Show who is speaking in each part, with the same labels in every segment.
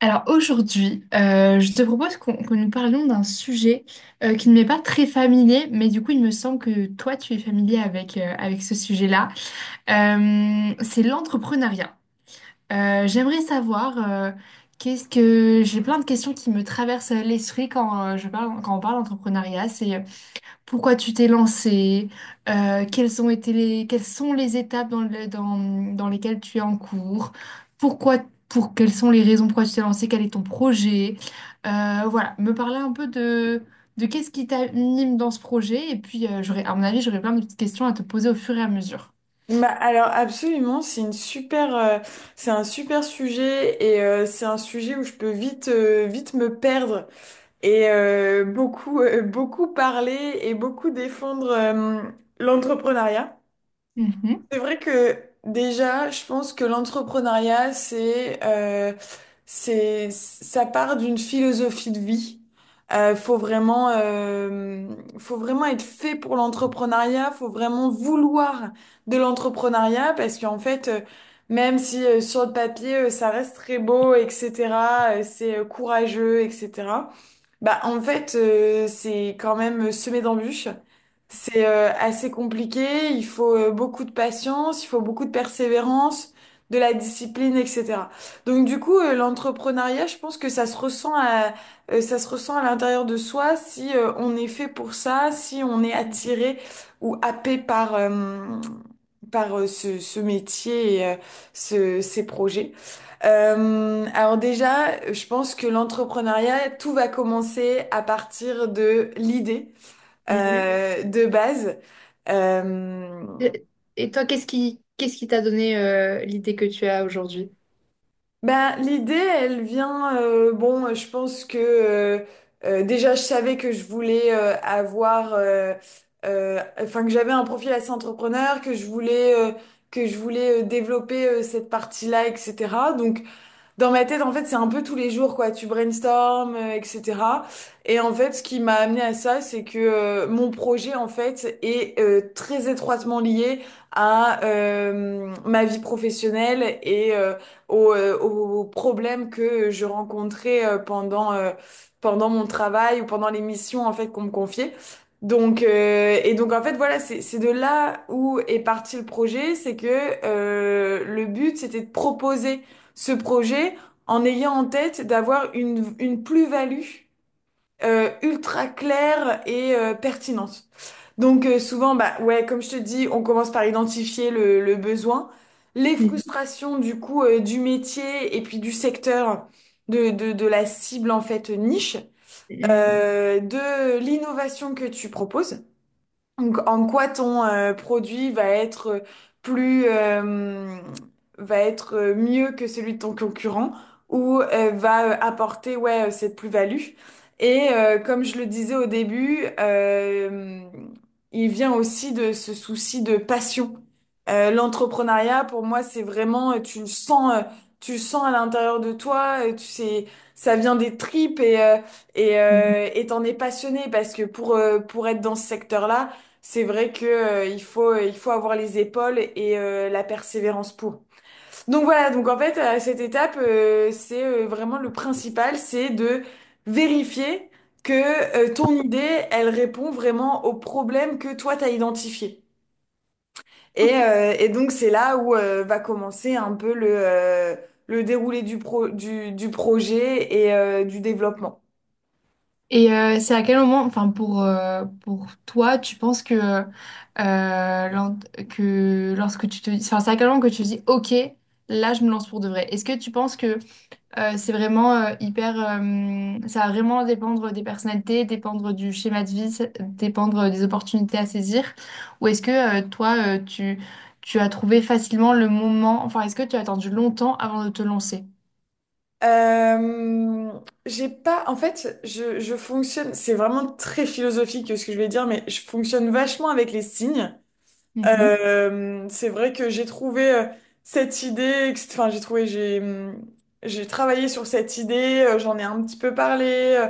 Speaker 1: Alors aujourd'hui, je te propose qu'on que nous parlions d'un sujet qui ne m'est pas très familier, mais du coup il me semble que toi tu es familier avec, avec ce sujet-là. C'est l'entrepreneuriat. J'aimerais savoir qu'est-ce que j'ai plein de questions qui me traversent l'esprit quand je parle quand on parle d'entrepreneuriat. Pourquoi tu t'es lancé? Quelles ont été les, quelles sont les étapes dans dans lesquelles tu es en cours? Pourquoi, quelles sont les raisons pourquoi tu t'es lancé? Quel est ton projet? Voilà, me parler un peu de qu'est-ce qui t'anime dans ce projet. Et puis, j'aurais, à mon avis, j'aurais plein de petites questions à te poser au fur et à mesure.
Speaker 2: Bah alors absolument, c'est c'est un super sujet et c'est un sujet où je peux vite me perdre et beaucoup parler et beaucoup défendre l'entrepreneuriat.
Speaker 1: Mhm,
Speaker 2: C'est vrai que déjà, je pense que l'entrepreneuriat, ça part d'une philosophie de vie. Euh, faut vraiment, euh, faut vraiment être fait pour l'entrepreneuriat. Faut vraiment vouloir de l'entrepreneuriat parce qu'en fait, même si sur le papier, ça reste très beau, etc. C'est courageux, etc. Bah, en fait, c'est quand même semé d'embûches. C'est assez compliqué, il faut beaucoup de patience, il faut beaucoup de persévérance, de la discipline, etc. Donc du coup, l'entrepreneuriat, je pense que ça se ressent à l'intérieur de soi si on est fait pour ça, si on est attiré ou happé par ce métier et ces projets. Alors déjà, je pense que l'entrepreneuriat, tout va commencer à partir de l'idée
Speaker 1: mhm.
Speaker 2: de base. Euh,
Speaker 1: Et et toi, qu'est-ce qui t'a donné l'idée que tu as aujourd'hui?
Speaker 2: l'idée, elle vient, bon, je pense que déjà, je savais que je voulais enfin que j'avais un profil assez entrepreneur, que je voulais développer cette partie-là, etc. Donc dans ma tête, en fait, c'est un peu tous les jours, quoi. Tu brainstormes, etc. Et en fait, ce qui m'a amené à ça, c'est que mon projet, en fait, est très étroitement lié à ma vie professionnelle et aux problèmes que je rencontrais pendant mon travail ou pendant les missions, en fait, qu'on me confiait. Donc en fait voilà, c'est de là où est parti le projet. C'est que le but c'était de proposer ce projet en ayant en tête d'avoir une plus-value ultra claire et pertinente. Donc souvent, bah ouais, comme je te dis, on commence par identifier le besoin, les frustrations du coup du métier et puis du secteur de la cible, en fait niche,
Speaker 1: Mhm.
Speaker 2: de l'innovation que tu proposes. Donc, en quoi ton produit va être plus va être mieux que celui de ton concurrent ou va apporter ouais cette plus-value. Et comme je le disais au début, il vient aussi de ce souci de passion. L'entrepreneuriat pour moi c'est vraiment tu le sens à l'intérieur de toi, tu sais ça vient des tripes
Speaker 1: Mhm.
Speaker 2: et t'en es passionné parce que pour être dans ce secteur-là c'est vrai que il faut avoir les épaules et la persévérance pour. Donc voilà, donc en fait à cette étape c'est vraiment le principal, c'est de vérifier que ton idée, elle répond vraiment au problème que toi t'as identifié. Et donc c'est là où va commencer un peu le déroulé du projet et du développement.
Speaker 1: C'est à quel moment, enfin pour toi, tu penses que, lors- lorsque tu te dis, enfin c'est à quel moment que tu te dis, ok, là je me lance pour de vrai. Est-ce que tu penses que c'est vraiment hyper, ça va vraiment dépendre des personnalités, dépendre du schéma de vie, dépendre des opportunités à saisir, ou est-ce que tu as trouvé facilement le moment, enfin est-ce que tu as attendu longtemps avant de te lancer?
Speaker 2: Euh, j'ai pas, en fait, je fonctionne, c'est vraiment très philosophique ce que je vais dire, mais je fonctionne vachement avec les signes.
Speaker 1: Mhm.
Speaker 2: C'est vrai que j'ai trouvé, j'ai travaillé sur cette idée, j'en ai un petit peu parlé, euh,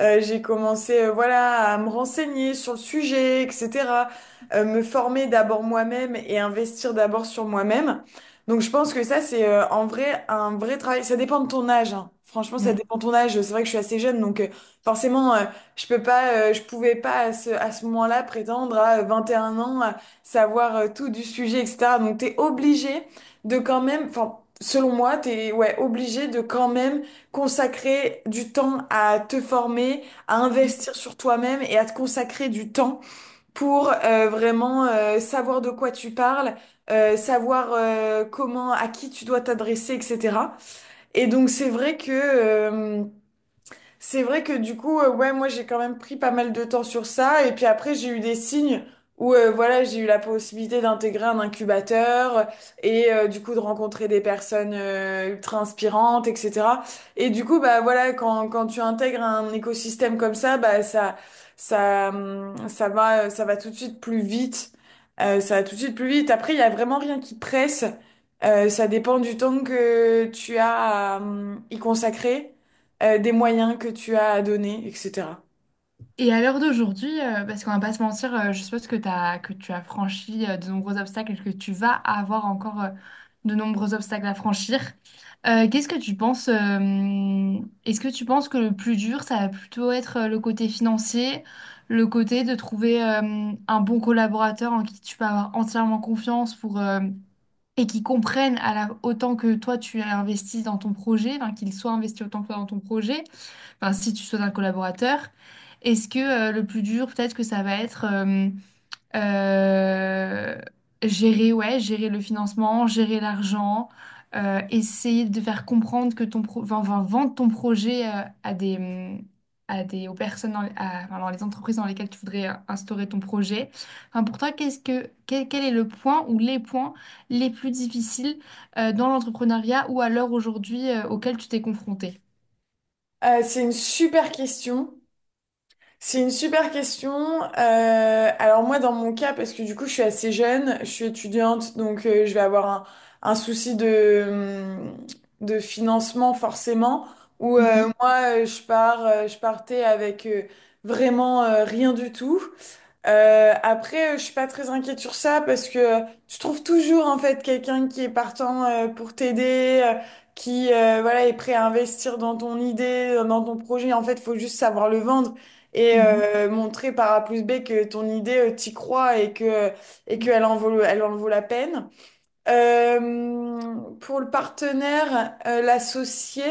Speaker 2: euh, j'ai commencé voilà à me renseigner sur le sujet, etc. Me former d'abord moi-même et investir d'abord sur moi-même. Donc je pense que ça c'est en vrai un vrai travail. Ça dépend de ton âge, hein. Franchement ça dépend de ton âge. C'est vrai que je suis assez jeune donc forcément je peux pas, je pouvais pas à ce moment-là prétendre à 21 ans. Savoir tout du sujet, etc. Donc t'es obligé de quand même, enfin selon moi, t'es ouais obligé de quand même consacrer du temps à te former, à
Speaker 1: Mhm.
Speaker 2: investir sur toi-même et à te consacrer du temps pour vraiment savoir de quoi tu parles. Savoir comment, à qui tu dois t'adresser, etc. Et donc c'est vrai que du coup, ouais, moi j'ai quand même pris pas mal de temps sur ça. Et puis après, j'ai eu des signes où voilà, j'ai eu la possibilité d'intégrer un incubateur et du coup de rencontrer des personnes ultra inspirantes, etc. Et du coup, bah voilà, quand tu intègres un écosystème comme ça, ça va tout de suite plus vite. Ça va tout de suite plus vite. Après, il y a vraiment rien qui presse. Ça dépend du temps que tu as à y consacrer des moyens que tu as à donner, etc.
Speaker 1: Et à l'heure d'aujourd'hui, parce qu'on va pas se mentir, je suppose que, tu as franchi de nombreux obstacles et que tu vas avoir encore de nombreux obstacles à franchir. Qu'est-ce que tu penses, est-ce que tu penses que le plus dur, ça va plutôt être le côté financier, le côté de trouver un bon collaborateur en qui tu peux avoir entièrement confiance et qui comprenne à la, autant que toi tu as investi dans ton projet, enfin, qu'il soit investi autant que toi dans ton projet enfin si tu souhaites un collaborateur, est-ce que le plus dur, peut-être que ça va être euh, gérer, ouais, gérer le financement, gérer l'argent, essayer de faire comprendre que enfin, enfin, vendre ton projet à des aux personnes enfin, dans les entreprises dans lesquelles tu voudrais instaurer ton projet. Enfin, pour toi, quel est le point ou les points les plus difficiles dans l'entrepreneuriat ou à l'heure aujourd'hui auquel tu t'es confronté?
Speaker 2: C'est une super question. C'est une super question. Alors moi, dans mon cas, parce que du coup, je suis assez jeune, je suis étudiante, donc je vais avoir un souci de financement forcément, où
Speaker 1: Mhm,
Speaker 2: je partais avec vraiment rien du tout. Après, je suis pas très inquiète sur ça parce que tu trouves toujours en fait quelqu'un qui est partant pour t'aider, qui voilà est prêt à investir dans ton idée, dans ton projet. En fait, faut juste savoir le vendre et
Speaker 1: mhm.
Speaker 2: montrer par A plus B que ton idée, t'y crois et qu'elle en vaut, elle en vaut la peine. Pour le partenaire, l'associé,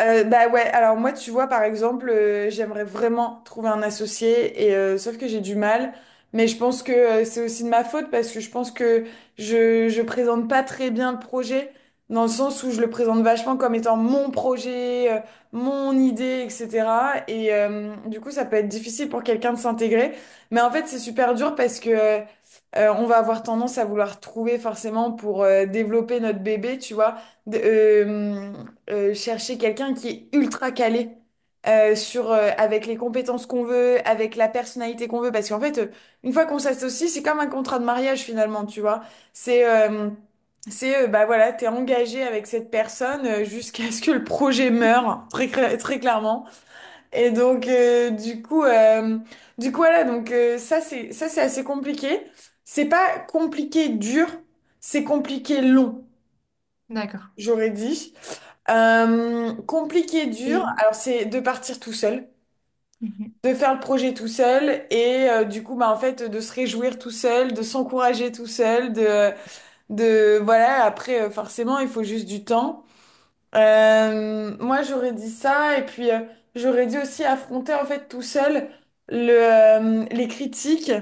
Speaker 2: bah ouais, alors moi, tu vois, par exemple, j'aimerais vraiment trouver un associé, et sauf que j'ai du mal, mais je pense que c'est aussi de ma faute parce que je pense que je présente pas très bien le projet, dans le sens où je le présente vachement comme étant mon projet, mon idée, etc. Et du coup, ça peut être difficile pour quelqu'un de s'intégrer, mais en fait, c'est super dur. Parce que. On va avoir tendance à vouloir trouver forcément pour développer notre bébé, tu vois, de- euh, chercher quelqu'un qui est ultra calé avec les compétences qu'on veut, avec la personnalité qu'on veut, parce qu'en fait, une fois qu'on s'associe, c'est comme un contrat de mariage finalement, tu vois. C'est euh, c'est bah voilà, t'es engagé avec cette personne jusqu'à ce que le projet meure, très clairement. Et donc, voilà, donc c'est ça, c'est assez compliqué. C'est pas compliqué dur, c'est compliqué long,
Speaker 1: D'accord.
Speaker 2: j'aurais dit. Compliqué dur,
Speaker 1: Et
Speaker 2: alors c'est de partir tout seul,
Speaker 1: Mhm,
Speaker 2: de faire le projet tout seul, et du coup, bah en fait, de se réjouir tout seul, de s'encourager tout seul, de voilà. Après, forcément, il faut juste du temps. Moi, j'aurais dit ça, et puis j'aurais dit aussi affronter en fait tout seul les critiques,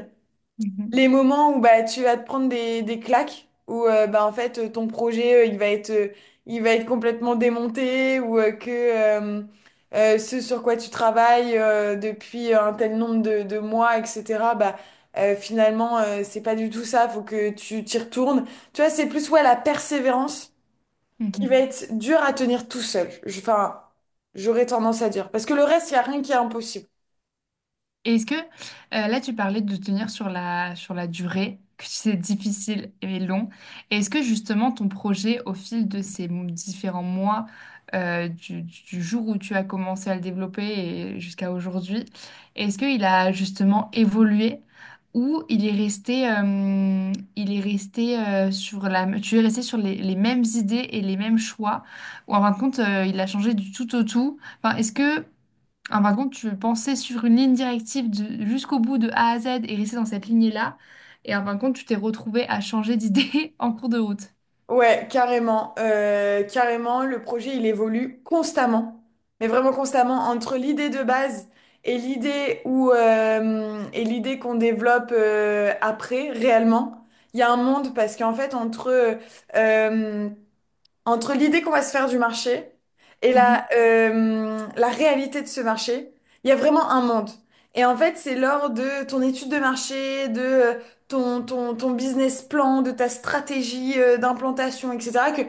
Speaker 1: mhm,
Speaker 2: les moments où bah tu vas te prendre des claques, où bah en fait ton projet il va être, complètement démonté, ou que ce sur quoi tu travailles depuis un tel nombre de mois, etc. Bah finalement c'est pas du tout ça, faut que tu t'y retournes. Tu vois, c'est plus ouais la persévérance qui va
Speaker 1: mhm.
Speaker 2: être dur à tenir tout seul. J'aurais tendance à dire. Parce que le reste, il n'y a rien qui est impossible.
Speaker 1: Et est-ce que là tu parlais de tenir sur la durée, que c'est difficile et long. Et est-ce que justement ton projet au fil de ces différents mois du jour où tu as commencé à le développer et jusqu'à aujourd'hui, est-ce qu'il a justement évolué ou il est resté sur la, tu es resté sur les mêmes idées et les mêmes choix ou en fin de compte il a changé du tout au tout? Enfin, est-ce que ah, par contre, tu pensais sur une ligne directive jusqu'au bout de A à Z et rester dans cette lignée-là. Et en fin de compte, tu t'es retrouvé à changer d'idée en cours de route.
Speaker 2: Ouais, carrément. Carrément, le projet, il évolue constamment. Mais vraiment constamment, entre l'idée de base et l'idée qu'on développe après, réellement. Il y a un monde parce qu'en fait, entre euh, entre l'idée qu'on va se faire du marché et
Speaker 1: Mhm,
Speaker 2: la réalité de ce marché, il y a vraiment un monde. Et en fait, c'est lors de ton étude de marché, de ton business plan, de ta stratégie d'implantation, etc., que,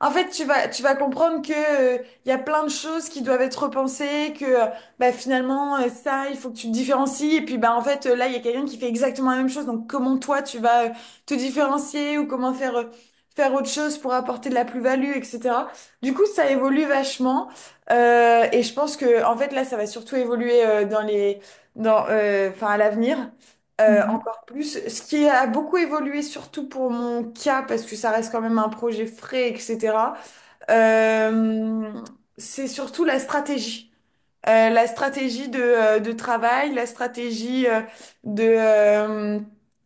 Speaker 2: en fait, tu vas comprendre que, il y a plein de choses qui doivent être repensées, que, bah, finalement, ça, il faut que tu te différencies. Et puis, bah, en fait, là, il y a quelqu'un qui fait exactement la même chose. Donc, comment toi, tu vas te différencier ou comment faire autre chose pour apporter de la plus-value, etc. Du coup, ça évolue vachement. Et je pense que, en fait, là, ça va surtout évoluer enfin, à l'avenir.
Speaker 1: mhm,
Speaker 2: Encore plus. Ce qui a beaucoup évolué, surtout pour mon cas, parce que ça reste quand même un projet frais, etc. euh, c'est surtout la stratégie de travail, la stratégie de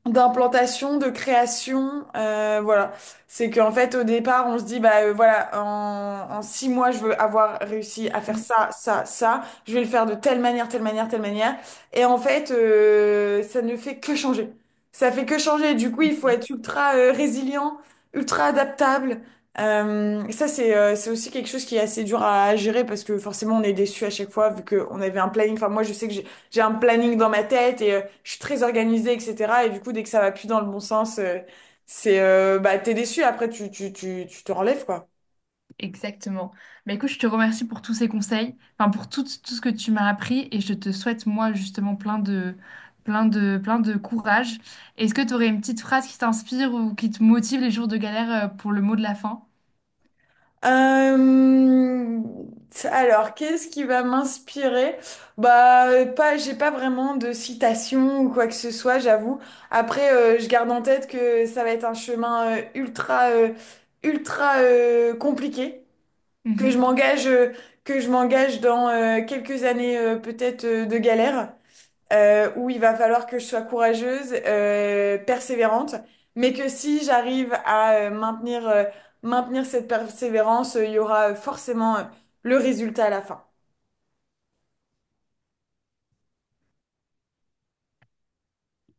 Speaker 2: d'implantation, de création, voilà. C'est qu'en fait au départ on se dit bah en 6 mois je veux avoir réussi à faire
Speaker 1: mhm.
Speaker 2: ça, ça, ça. Je vais le faire de telle manière, telle manière, telle manière. Et en fait ça ne fait que changer. Ça fait que changer. Du coup il faut être ultra résilient, ultra adaptable. Ça, c'est c'est aussi quelque chose qui est assez dur à gérer parce que forcément, on est déçu à chaque fois vu qu'on avait un planning. Enfin, moi, je sais que j'ai un planning dans ma tête et je suis très organisée, etc. Et du coup, dès que ça va plus dans le bon sens, c'est bah t'es déçu. Après, tu te relèves, quoi.
Speaker 1: Exactement. Mais écoute, je te remercie pour tous ces conseils, enfin pour tout, tout ce que tu m'as appris et je te souhaite moi justement plein de courage. Est-ce que tu aurais une petite phrase qui t'inspire ou qui te motive les jours de galère pour le mot de la fin?
Speaker 2: Euh, alors, qu'est-ce qui va m'inspirer? Bah, pas, j'ai pas vraiment de citation ou quoi que ce soit, j'avoue. Après, je garde en tête que ça va être un chemin ultra compliqué, que je
Speaker 1: Mhm.
Speaker 2: m'engage, euh, que je m'engage dans quelques années peut-être de galère où il va falloir que je sois courageuse, persévérante, mais que si j'arrive à maintenir cette persévérance, il y aura forcément le résultat à la fin.